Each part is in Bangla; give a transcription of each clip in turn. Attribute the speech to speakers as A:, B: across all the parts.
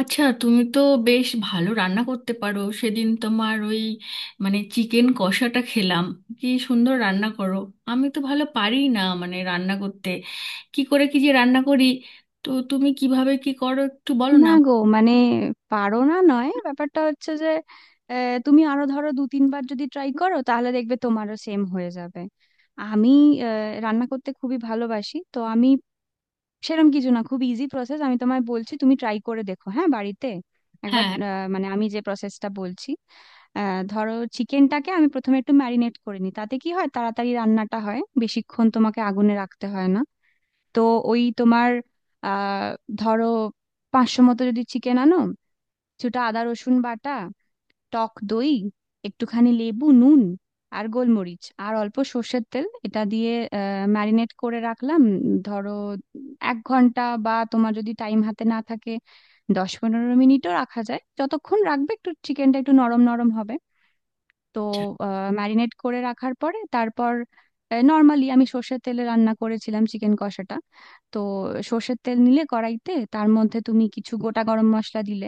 A: আচ্ছা, তুমি তো বেশ ভালো রান্না করতে পারো। সেদিন তোমার ওই চিকেন কষাটা খেলাম, কি সুন্দর রান্না করো! আমি তো ভালো পারি না রান্না করতে, কি করে কি যে রান্না করি। তো তুমি কিভাবে কি করো একটু বলো
B: না
A: না।
B: গো মানে পারো না নয় ব্যাপারটা হচ্ছে যে তুমি আরো ধরো 2-3 বার যদি ট্রাই করো তাহলে দেখবে তোমারও সেম হয়ে যাবে। আমি আহ, রান্না করতে খুবই ভালোবাসি তো। আমি সেরকম কিছু না, খুব ইজি প্রসেস। আমি তোমায় বলছি তুমি ট্রাই করে দেখো, হ্যাঁ, বাড়িতে একবার।
A: হ্যাঁ।
B: মানে আমি যে প্রসেসটা বলছি, ধরো চিকেনটাকে আমি প্রথমে একটু ম্যারিনেট করে নিই, তাতে কি হয় তাড়াতাড়ি রান্নাটা হয়, বেশিক্ষণ তোমাকে আগুনে রাখতে হয় না। তো ওই তোমার আহ ধরো 500 মতো যদি চিকেন আনো, কিছুটা আদা রসুন বাটা, টক দই, একটুখানি লেবু নুন, আর গোলমরিচ আর অল্প সর্ষের তেল, এটা দিয়ে ম্যারিনেট করে রাখলাম, ধরো 1 ঘন্টা, বা তোমার যদি টাইম হাতে না থাকে দশ পনেরো মিনিটও রাখা যায়। যতক্ষণ রাখবে একটু চিকেনটা একটু নরম নরম হবে। তো
A: আচ্ছা।
B: ম্যারিনেট করে রাখার পরে তারপর নর্মালি আমি সর্ষের তেলে রান্না করেছিলাম চিকেন কষাটা। তো সর্ষের তেল নিলে কড়াইতে তার মধ্যে তুমি কিছু গোটা গরম মশলা দিলে,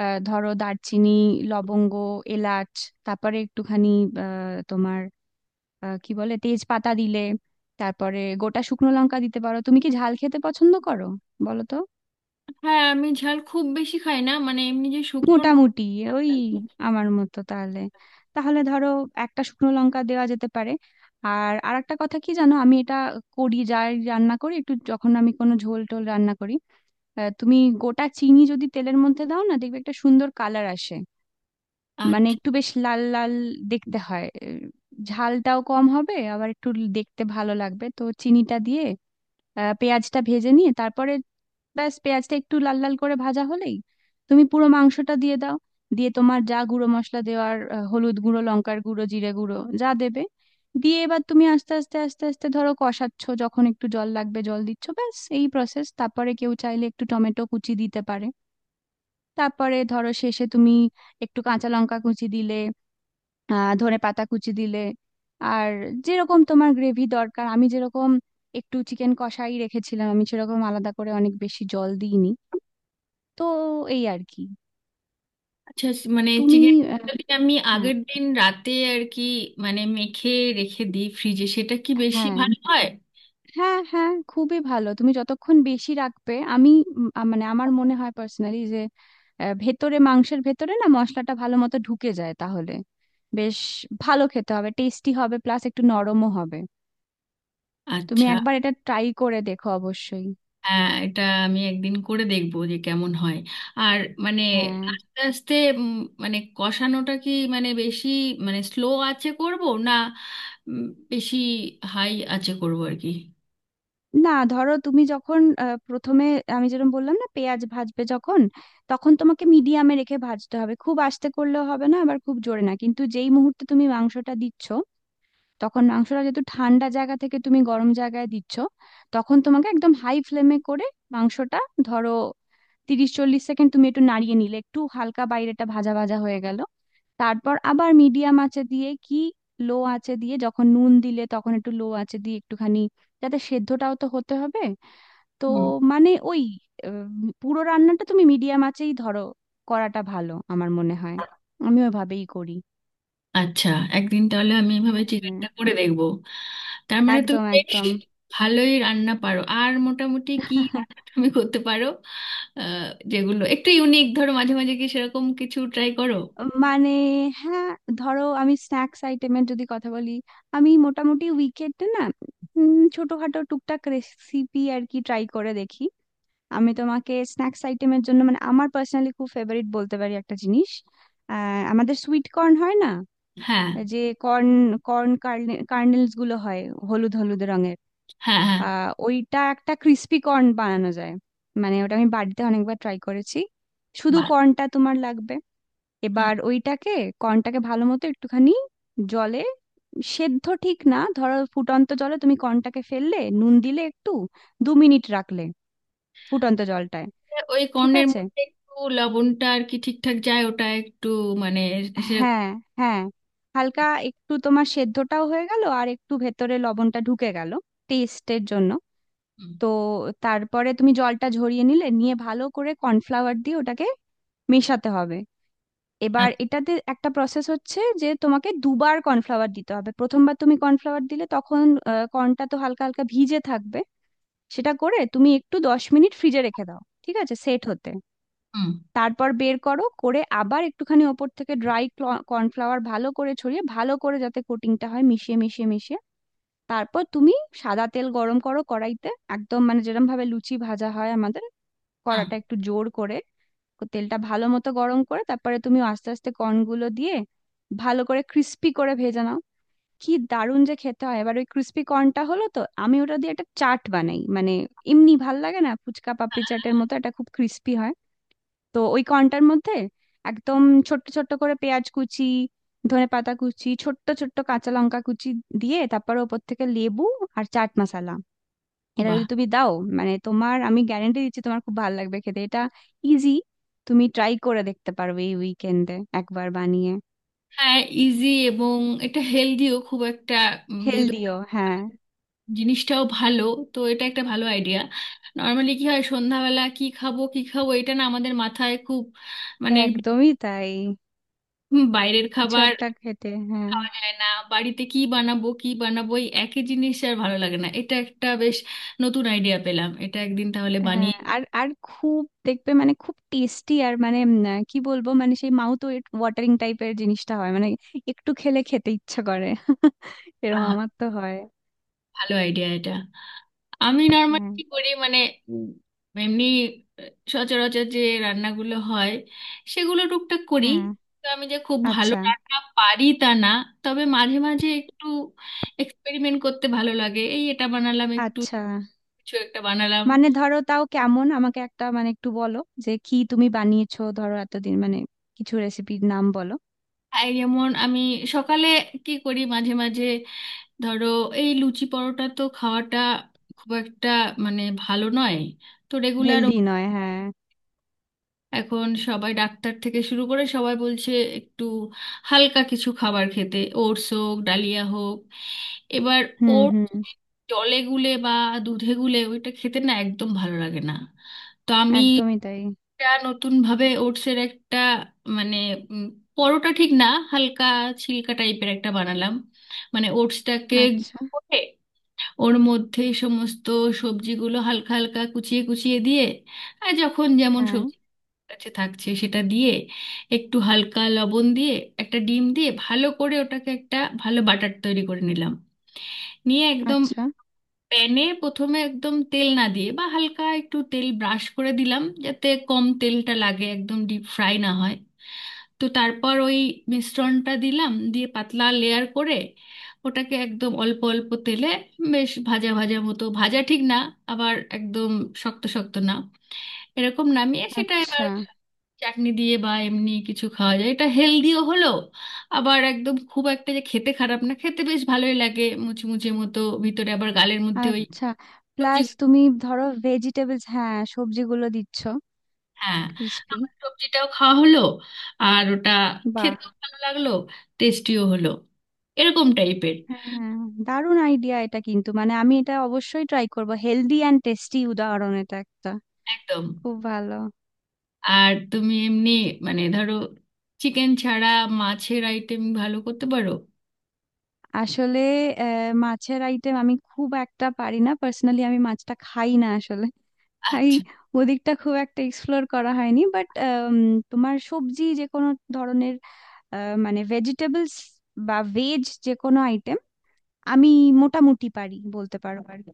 B: ধরো দারচিনি, লবঙ্গ, এলাচ, তারপরে একটুখানি আহ, তোমার আহ, কি বলে তেজপাতা দিলে, তারপরে গোটা শুকনো লঙ্কা দিতে পারো। তুমি কি ঝাল খেতে পছন্দ করো, বলো তো?
A: হ্যাঁ, আমি ঝাল খুব বেশি খাই না, মানে এমনি, যে শুকনো না।
B: মোটামুটি ওই আমার মতো তাহলে। তাহলে ধরো একটা শুকনো লঙ্কা দেওয়া যেতে পারে। আর আরেকটা কথা কি জানো, আমি এটা করি, যাই রান্না করি, একটু যখন আমি কোনো ঝোল টোল রান্না করি, তুমি গোটা চিনি যদি তেলের মধ্যে দাও না, দেখবে একটা সুন্দর কালার আসে, মানে
A: আচ্ছা।
B: একটু বেশ লাল লাল দেখতে হয়। ঝালটাও কম হবে, আবার একটু দেখতে ভালো লাগবে। তো চিনিটা দিয়ে পেঁয়াজটা ভেজে নিয়ে তারপরে ব্যাস, পেঁয়াজটা একটু লাল লাল করে ভাজা হলেই তুমি পুরো মাংসটা দিয়ে দাও। দিয়ে তোমার যা গুঁড়ো মশলা দেওয়ার, হলুদ গুঁড়ো, লঙ্কার গুঁড়ো, জিরে গুঁড়ো, যা দেবে দিয়ে এবার তুমি আস্তে আস্তে আস্তে আস্তে ধরো কষাচ্ছ, যখন একটু জল লাগবে জল দিচ্ছ, ব্যাস এই প্রসেস। তারপরে কেউ চাইলে একটু টমেটো কুচি দিতে পারে। তারপরে ধরো শেষে তুমি একটু কাঁচা লঙ্কা কুচি দিলে, ধনে পাতা কুচি দিলে। আর যেরকম তোমার গ্রেভি দরকার, আমি যেরকম একটু চিকেন কষাই রেখেছিলাম, আমি সেরকম আলাদা করে অনেক বেশি জল দিইনি। তো এই আর কি।
A: আচ্ছা।
B: তুমি
A: চিকেন
B: আহ,
A: আমি
B: হ্যাঁ
A: আগের দিন রাতে আর কি, মেখে রেখে দিই ফ্রিজে, সেটা কি বেশি
B: হ্যাঁ
A: ভালো হয়?
B: হ্যাঁ হ্যাঁ খুবই ভালো, তুমি যতক্ষণ বেশি রাখবে। আমি মানে আমার মনে হয় পার্সোনালি যে ভেতরে মাংসের ভেতরে না মশলাটা ভালো মতো ঢুকে যায় তাহলে বেশ ভালো খেতে হবে, টেস্টি হবে, প্লাস একটু নরমও হবে। তুমি
A: আচ্ছা।
B: একবার এটা ট্রাই করে দেখো অবশ্যই।
A: হ্যাঁ, এটা আমি একদিন করে দেখবো যে কেমন হয়। আর মানে
B: হ্যাঁ।
A: আস্তে আস্তে উম, কষানোটা কি বেশি, স্লো আছে করব, না উম, বেশি হাই আছে করব আর কি।
B: না ধরো তুমি যখন প্রথমে আমি যেরকম বললাম না পেঁয়াজ ভাজবে যখন, তখন তোমাকে মিডিয়ামে রেখে ভাজতে হবে, খুব আস্তে করলেও হবে না, আবার খুব জোরে না। কিন্তু যেই মুহূর্তে তুমি মাংসটা দিচ্ছ, তখন মাংসটা যেহেতু ঠান্ডা জায়গা থেকে তুমি গরম জায়গায় দিচ্ছ, তখন তোমাকে একদম হাই ফ্লেমে করে মাংসটা ধরো 30-40 সেকেন্ড তুমি একটু নাড়িয়ে নিলে একটু হালকা বাইরেটা ভাজা ভাজা হয়ে গেল। তারপর আবার মিডিয়াম আঁচে দিয়ে কি লো আঁচে দিয়ে যখন নুন দিলে তখন একটু লো আঁচে দিয়ে একটুখানি, যাতে সেদ্ধটাও তো হতে হবে। তো
A: হুম।
B: মানে ওই উম, পুরো রান্নাটা তুমি মিডিয়াম আঁচেই ধরো করাটা ভালো আমার মনে হয়, আমি ওইভাবেই করি।
A: আচ্ছা, একদিন তাহলে আমি এভাবে
B: হ্যাঁ,
A: চিকেনটা করে দেখবো। তার মানে তুমি
B: একদম
A: বেশ
B: একদম।
A: ভালোই রান্না পারো। আর মোটামুটি কি রান্না তুমি করতে পারো? আহ, যেগুলো একটু ইউনিক ধরো, মাঝে মাঝে কি সেরকম কিছু ট্রাই করো?
B: মানে হ্যাঁ, ধরো আমি স্ন্যাক্স আইটেমের যদি কথা বলি, আমি মোটামুটি উইকেটে না ছোটখাটো টুকটাক রেসিপি আর কি ট্রাই করে দেখি। আমি তোমাকে স্ন্যাক্স আইটেমের জন্য মানে আমার পার্সোনালি খুব ফেভারিট বলতে পারি একটা জিনিস, আমাদের সুইট কর্ন হয় না,
A: হ্যাঁ,
B: যে কর্ন, কর্ন কার্নেলস গুলো হয় হলুদ হলুদ রঙের,
A: হ্যাঁ, হ্যাঁ।
B: ওইটা একটা ক্রিস্পি কর্ন বানানো যায়। মানে ওটা আমি বাড়িতে অনেকবার ট্রাই করেছি। শুধু
A: বাহ।
B: কর্নটা তোমার লাগবে।
A: হ্যাঁ।
B: এবার ওইটাকে কর্নটাকে ভালো মতো একটুখানি জলে সেদ্ধ ঠিক না, ধরো ফুটন্ত জলে তুমি কর্নটাকে ফেললে নুন দিলে একটু, 2 মিনিট রাখলে ফুটন্ত জলটায়।
A: ওই
B: ঠিক
A: কর্নের
B: আছে।
A: মধ্যে একটু লবণটা আর কি ঠিকঠাক যায়, ওটা একটু মানে সে।
B: হ্যাঁ হ্যাঁ, হালকা একটু তোমার সেদ্ধটাও হয়ে গেল আর একটু ভেতরে লবণটা ঢুকে গেল টেস্টের জন্য।
A: হুম।
B: তো তারপরে তুমি জলটা ঝরিয়ে নিলে, নিয়ে ভালো করে কর্নফ্লাওয়ার দিয়ে ওটাকে মেশাতে হবে। এবার
A: আচ্ছা।
B: এটাতে একটা প্রসেস হচ্ছে যে তোমাকে দুবার কর্নফ্লাওয়ার দিতে হবে, প্রথমবার তুমি কর্নফ্লাওয়ার দিলে তখন কর্নটা তো হালকা হালকা ভিজে থাকবে, সেটা করে তুমি একটু 10 মিনিট ফ্রিজে রেখে দাও, ঠিক আছে, সেট হতে।
A: হুম।
B: তারপর বের করো, করে আবার একটুখানি ওপর থেকে ড্রাই কর্নফ্লাওয়ার ভালো করে ছড়িয়ে ভালো করে যাতে কোটিংটা হয় মিশিয়ে মিশিয়ে মিশিয়ে। তারপর তুমি সাদা তেল গরম করো কড়াইতে, একদম মানে যেরকম ভাবে লুচি ভাজা হয় আমাদের,
A: হ্যাঁ।
B: কড়াটা একটু জোর করে তেলটা ভালো মতো গরম করে তারপরে তুমি আস্তে আস্তে কর্নগুলো দিয়ে ভালো করে ক্রিস্পি করে ভেজে নাও। কি দারুণ যে খেতে হয়! এবার ওই ক্রিস্পি কর্নটা হলো তো আমি ওটা দিয়ে একটা চাট বানাই, মানে এমনি ভাল লাগে না, ফুচকা পাপড়ি চাটের মতো, এটা খুব ক্রিস্পি হয়। তো ওই কর্নটার মধ্যে একদম ছোট্ট ছোট্ট করে পেঁয়াজ কুচি, ধনেপাতা কুচি, ছোট্ট ছোট্ট কাঁচা লঙ্কা কুচি দিয়ে তারপর ওপর থেকে লেবু আর চাট মশলা এটা
A: বাহ।
B: যদি তুমি দাও, মানে তোমার, আমি গ্যারেন্টি দিচ্ছি, তোমার খুব ভালো লাগবে খেতে এটা। ইজি, তুমি ট্রাই করে দেখতে পারবে এই উইকেন্ডে একবার বানিয়ে।
A: হ্যাঁ, ইজি, এবং এটা হেলদিও খুব একটা, যেহেতু
B: হেলদিও, হ্যাঁ,
A: জিনিসটাও ভালো। তো এটা একটা ভালো আইডিয়া। নর্মালি কি হয়, সন্ধ্যাবেলা কি খাবো কি খাবো এটা না আমাদের মাথায় খুব মানে
B: একদমই তাই,
A: হুম। বাইরের
B: কিছু
A: খাবার
B: একটা খেতে, হ্যাঁ
A: খাওয়া যায় না, বাড়িতে কি বানাবো কি বানাবো এই একই জিনিস আর ভালো লাগে না। এটা একটা বেশ নতুন আইডিয়া পেলাম, এটা একদিন তাহলে
B: হ্যাঁ।
A: বানিয়ে।
B: আর আর খুব দেখবে মানে খুব টেস্টি আর মানে কি বলবো, মানে সেই মাউথ ওয়াটারিং টাইপের জিনিসটা হয় মানে, একটু খেলে খেতে ইচ্ছা করে এরকম আমার তো হয়।
A: ভালো আইডিয়া এটা। আমি নর্মালি
B: হ্যাঁ
A: কি করি হুম, এমনি সচরাচর যে রান্নাগুলো হয় সেগুলো টুকটাক করি।
B: হ্যাঁ।
A: তো আমি যে খুব ভালো
B: আচ্ছা
A: রান্না পারি তা না, তবে মাঝে মাঝে একটু এক্সপেরিমেন্ট করতে ভালো লাগে। এই এটা বানালাম, একটু
B: আচ্ছা,
A: কিছু একটা বানালাম।
B: মানে ধরো তাও কেমন আমাকে একটা মানে একটু বলো, যে কি তুমি বানিয়েছো ধরো এতদিন, মানে কিছু রেসিপির নাম বলো।
A: আর যেমন আমি সকালে কি করি মাঝে মাঝে, ধরো এই লুচি পরোটা তো খাওয়াটা খুব একটা ভালো নয়। তো রেগুলার
B: হেলদি নয়, হ্যাঁ।
A: এখন সবাই ডাক্তার থেকে শুরু করে সবাই বলছে একটু হালকা কিছু খাবার খেতে, ওটস হোক ডালিয়া হোক। এবার
B: হুম
A: ওর
B: হুম।
A: জলে গুলে বা দুধে গুলে ওইটা খেতে না একদম ভালো লাগে না। তো আমি
B: একদমই তাই।
A: একটা নতুন ভাবে ওটসের একটা মানে উম, পরোটা ঠিক না, হালকা ছিলকা টাইপের একটা বানালাম। ওটসটাকে,
B: আচ্ছা,
A: ওর মধ্যেই সমস্ত সবজিগুলো হালকা হালকা কুচিয়ে কুচিয়ে দিয়ে, আর যখন যেমন
B: হ্যাঁ,
A: সবজি কাছে থাকছে সেটা দিয়ে, একটু হালকা লবণ দিয়ে, একটা ডিম দিয়ে ভালো করে ওটাকে একটা ভালো বাটার তৈরি করে নিলাম। নিয়ে একদম
B: আচ্ছা
A: প্যানে প্রথমে একদম তেল না দিয়ে বা হালকা একটু তেল ব্রাশ করে দিলাম, যাতে কম তেলটা লাগে, একদম ডিপ ফ্রাই না হয়। তো তারপর ওই মিশ্রণটা দিলাম, দিয়ে পাতলা লেয়ার করে ওটাকে একদম অল্প অল্প তেলে বেশ ভাজা ভাজা মতো, ভাজা ঠিক না, আবার একদম শক্ত শক্ত না, এরকম নামিয়ে সেটা
B: আচ্ছা
A: এবার চাটনি দিয়ে বা এমনি কিছু খাওয়া যায়। এটা হেলদিও হলো, আবার একদম খুব একটা যে খেতে খারাপ, না, খেতে বেশ ভালোই লাগে মুচমুচে মতো, ভিতরে আবার গালের মধ্যে ওই।
B: আচ্ছা। প্লাস তুমি ধরো ভেজিটেবলস, হ্যাঁ, সবজিগুলো দিচ্ছ,
A: হ্যাঁ।
B: ক্রিস্পি।
A: আমার সবজিটাও খাওয়া হলো, আর ওটা
B: বাহ,
A: খেতেও ভালো লাগলো, টেস্টিও হলো, এরকম টাইপের।
B: হ্যাঁ, দারুণ আইডিয়া এটা কিন্তু, মানে আমি এটা অবশ্যই ট্রাই করব। হেলদি অ্যান্ড টেস্টি উদাহরণ এটা একটা,
A: একদম।
B: খুব ভালো।
A: আর তুমি এমনি ধরো চিকেন ছাড়া মাছের আইটেম ভালো করতে পারো?
B: আসলে মাছের আইটেম আমি খুব একটা পারি না, পার্সোনালি আমি মাছটা খাই না আসলে, তাই
A: আচ্ছা।
B: ওদিকটা খুব একটা এক্সপ্লোর করা হয়নি। বাট তোমার সবজি, যে কোনো ধরনের, মানে ভেজিটেবলস বা ভেজ, যে কোনো আইটেম আমি মোটামুটি পারি বলতে পারো আর কি।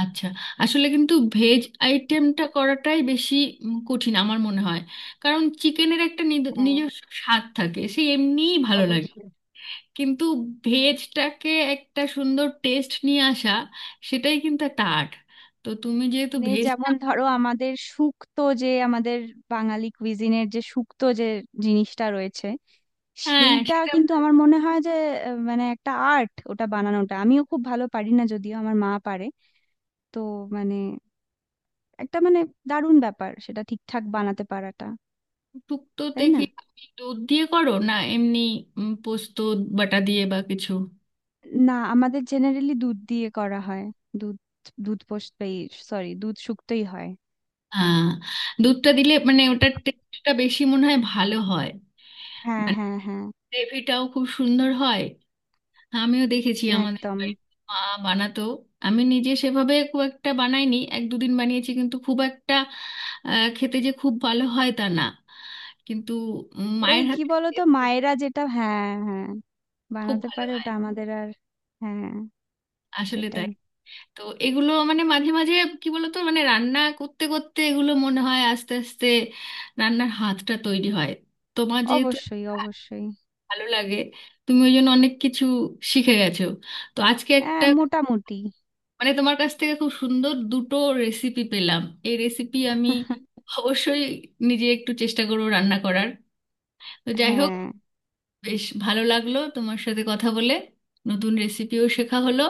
A: আচ্ছা, আসলে কিন্তু ভেজ আইটেমটা করাটাই বেশি কঠিন আমার মনে হয়। কারণ চিকেনের একটা নিজস্ব স্বাদ থাকে, সে এমনিই ভালো লাগে, কিন্তু ভেজটাকে একটা সুন্দর টেস্ট নিয়ে আসা সেটাই কিন্তু একটা আর্ট। তো তুমি যেহেতু
B: মানে
A: ভেজটা।
B: যেমন ধরো আমাদের শুক্তো যে, আমাদের বাঙালি কুইজিনের যে শুক্তো যে জিনিসটা রয়েছে,
A: হ্যাঁ,
B: সেইটা
A: সেটা।
B: কিন্তু আমার মনে হয় যে মানে একটা আর্ট, ওটা বানানোটা আমিও খুব ভালো পারি না, যদিও আমার মা পারে। তো মানে একটা মানে দারুণ ব্যাপার সেটা ঠিকঠাক বানাতে পারাটা,
A: শুক্তোতে
B: তাই
A: কি
B: না?
A: তুমি দুধ দিয়ে করো, না এমনি পোস্ত বাটা দিয়ে বা কিছু?
B: না, আমাদের জেনারেলি দুধ দিয়ে করা হয়, দুধ, দুধ পোস্ত, সরি দুধ শুক্তোই হয়।
A: হ্যাঁ। দুধটা দিলে মানে ওটার টেস্টটা বেশি মনে হয় ভালো হয়,
B: হ্যাঁ
A: মানে
B: হ্যাঁ হ্যাঁ,
A: গ্রেভিটাও খুব সুন্দর হয়। আমিও দেখেছি আমাদের
B: একদম।
A: বাড়িতে মা বানাতো। আমি নিজে সেভাবে খুব একটা বানাইনি, এক দুদিন বানিয়েছি, কিন্তু খুব একটা খেতে যে খুব ভালো হয় তা না। কিন্তু উম,
B: ওই
A: মায়ের
B: কি
A: হাতে
B: বলতো
A: খেতে
B: মায়েরা যেটা, হ্যাঁ হ্যাঁ,
A: খুব
B: বানাতে
A: ভালো
B: পারে
A: হয়।
B: ওটা আমাদের আর। হ্যাঁ
A: আসলে
B: সেটাই।
A: তাই। তো এগুলো মানে মাঝে মাঝে কি বলতো, রান্না করতে করতে এগুলো মনে হয় আস্তে আস্তে রান্নার হাতটা তৈরি হয়। তোমার যেহেতু
B: অবশ্যই অবশ্যই।
A: ভালো লাগে, তুমি ওই জন্য অনেক কিছু শিখে গেছো। তো আজকে
B: হ্যাঁ
A: একটা
B: মোটামুটি।
A: তোমার কাছ থেকে খুব সুন্দর দুটো রেসিপি পেলাম। এই রেসিপি আমি অবশ্যই নিজে একটু চেষ্টা করব রান্না করার। তো যাই হোক,
B: হ্যাঁ।
A: বেশ ভালো লাগলো তোমার সাথে কথা বলে, নতুন রেসিপিও শেখা হলো।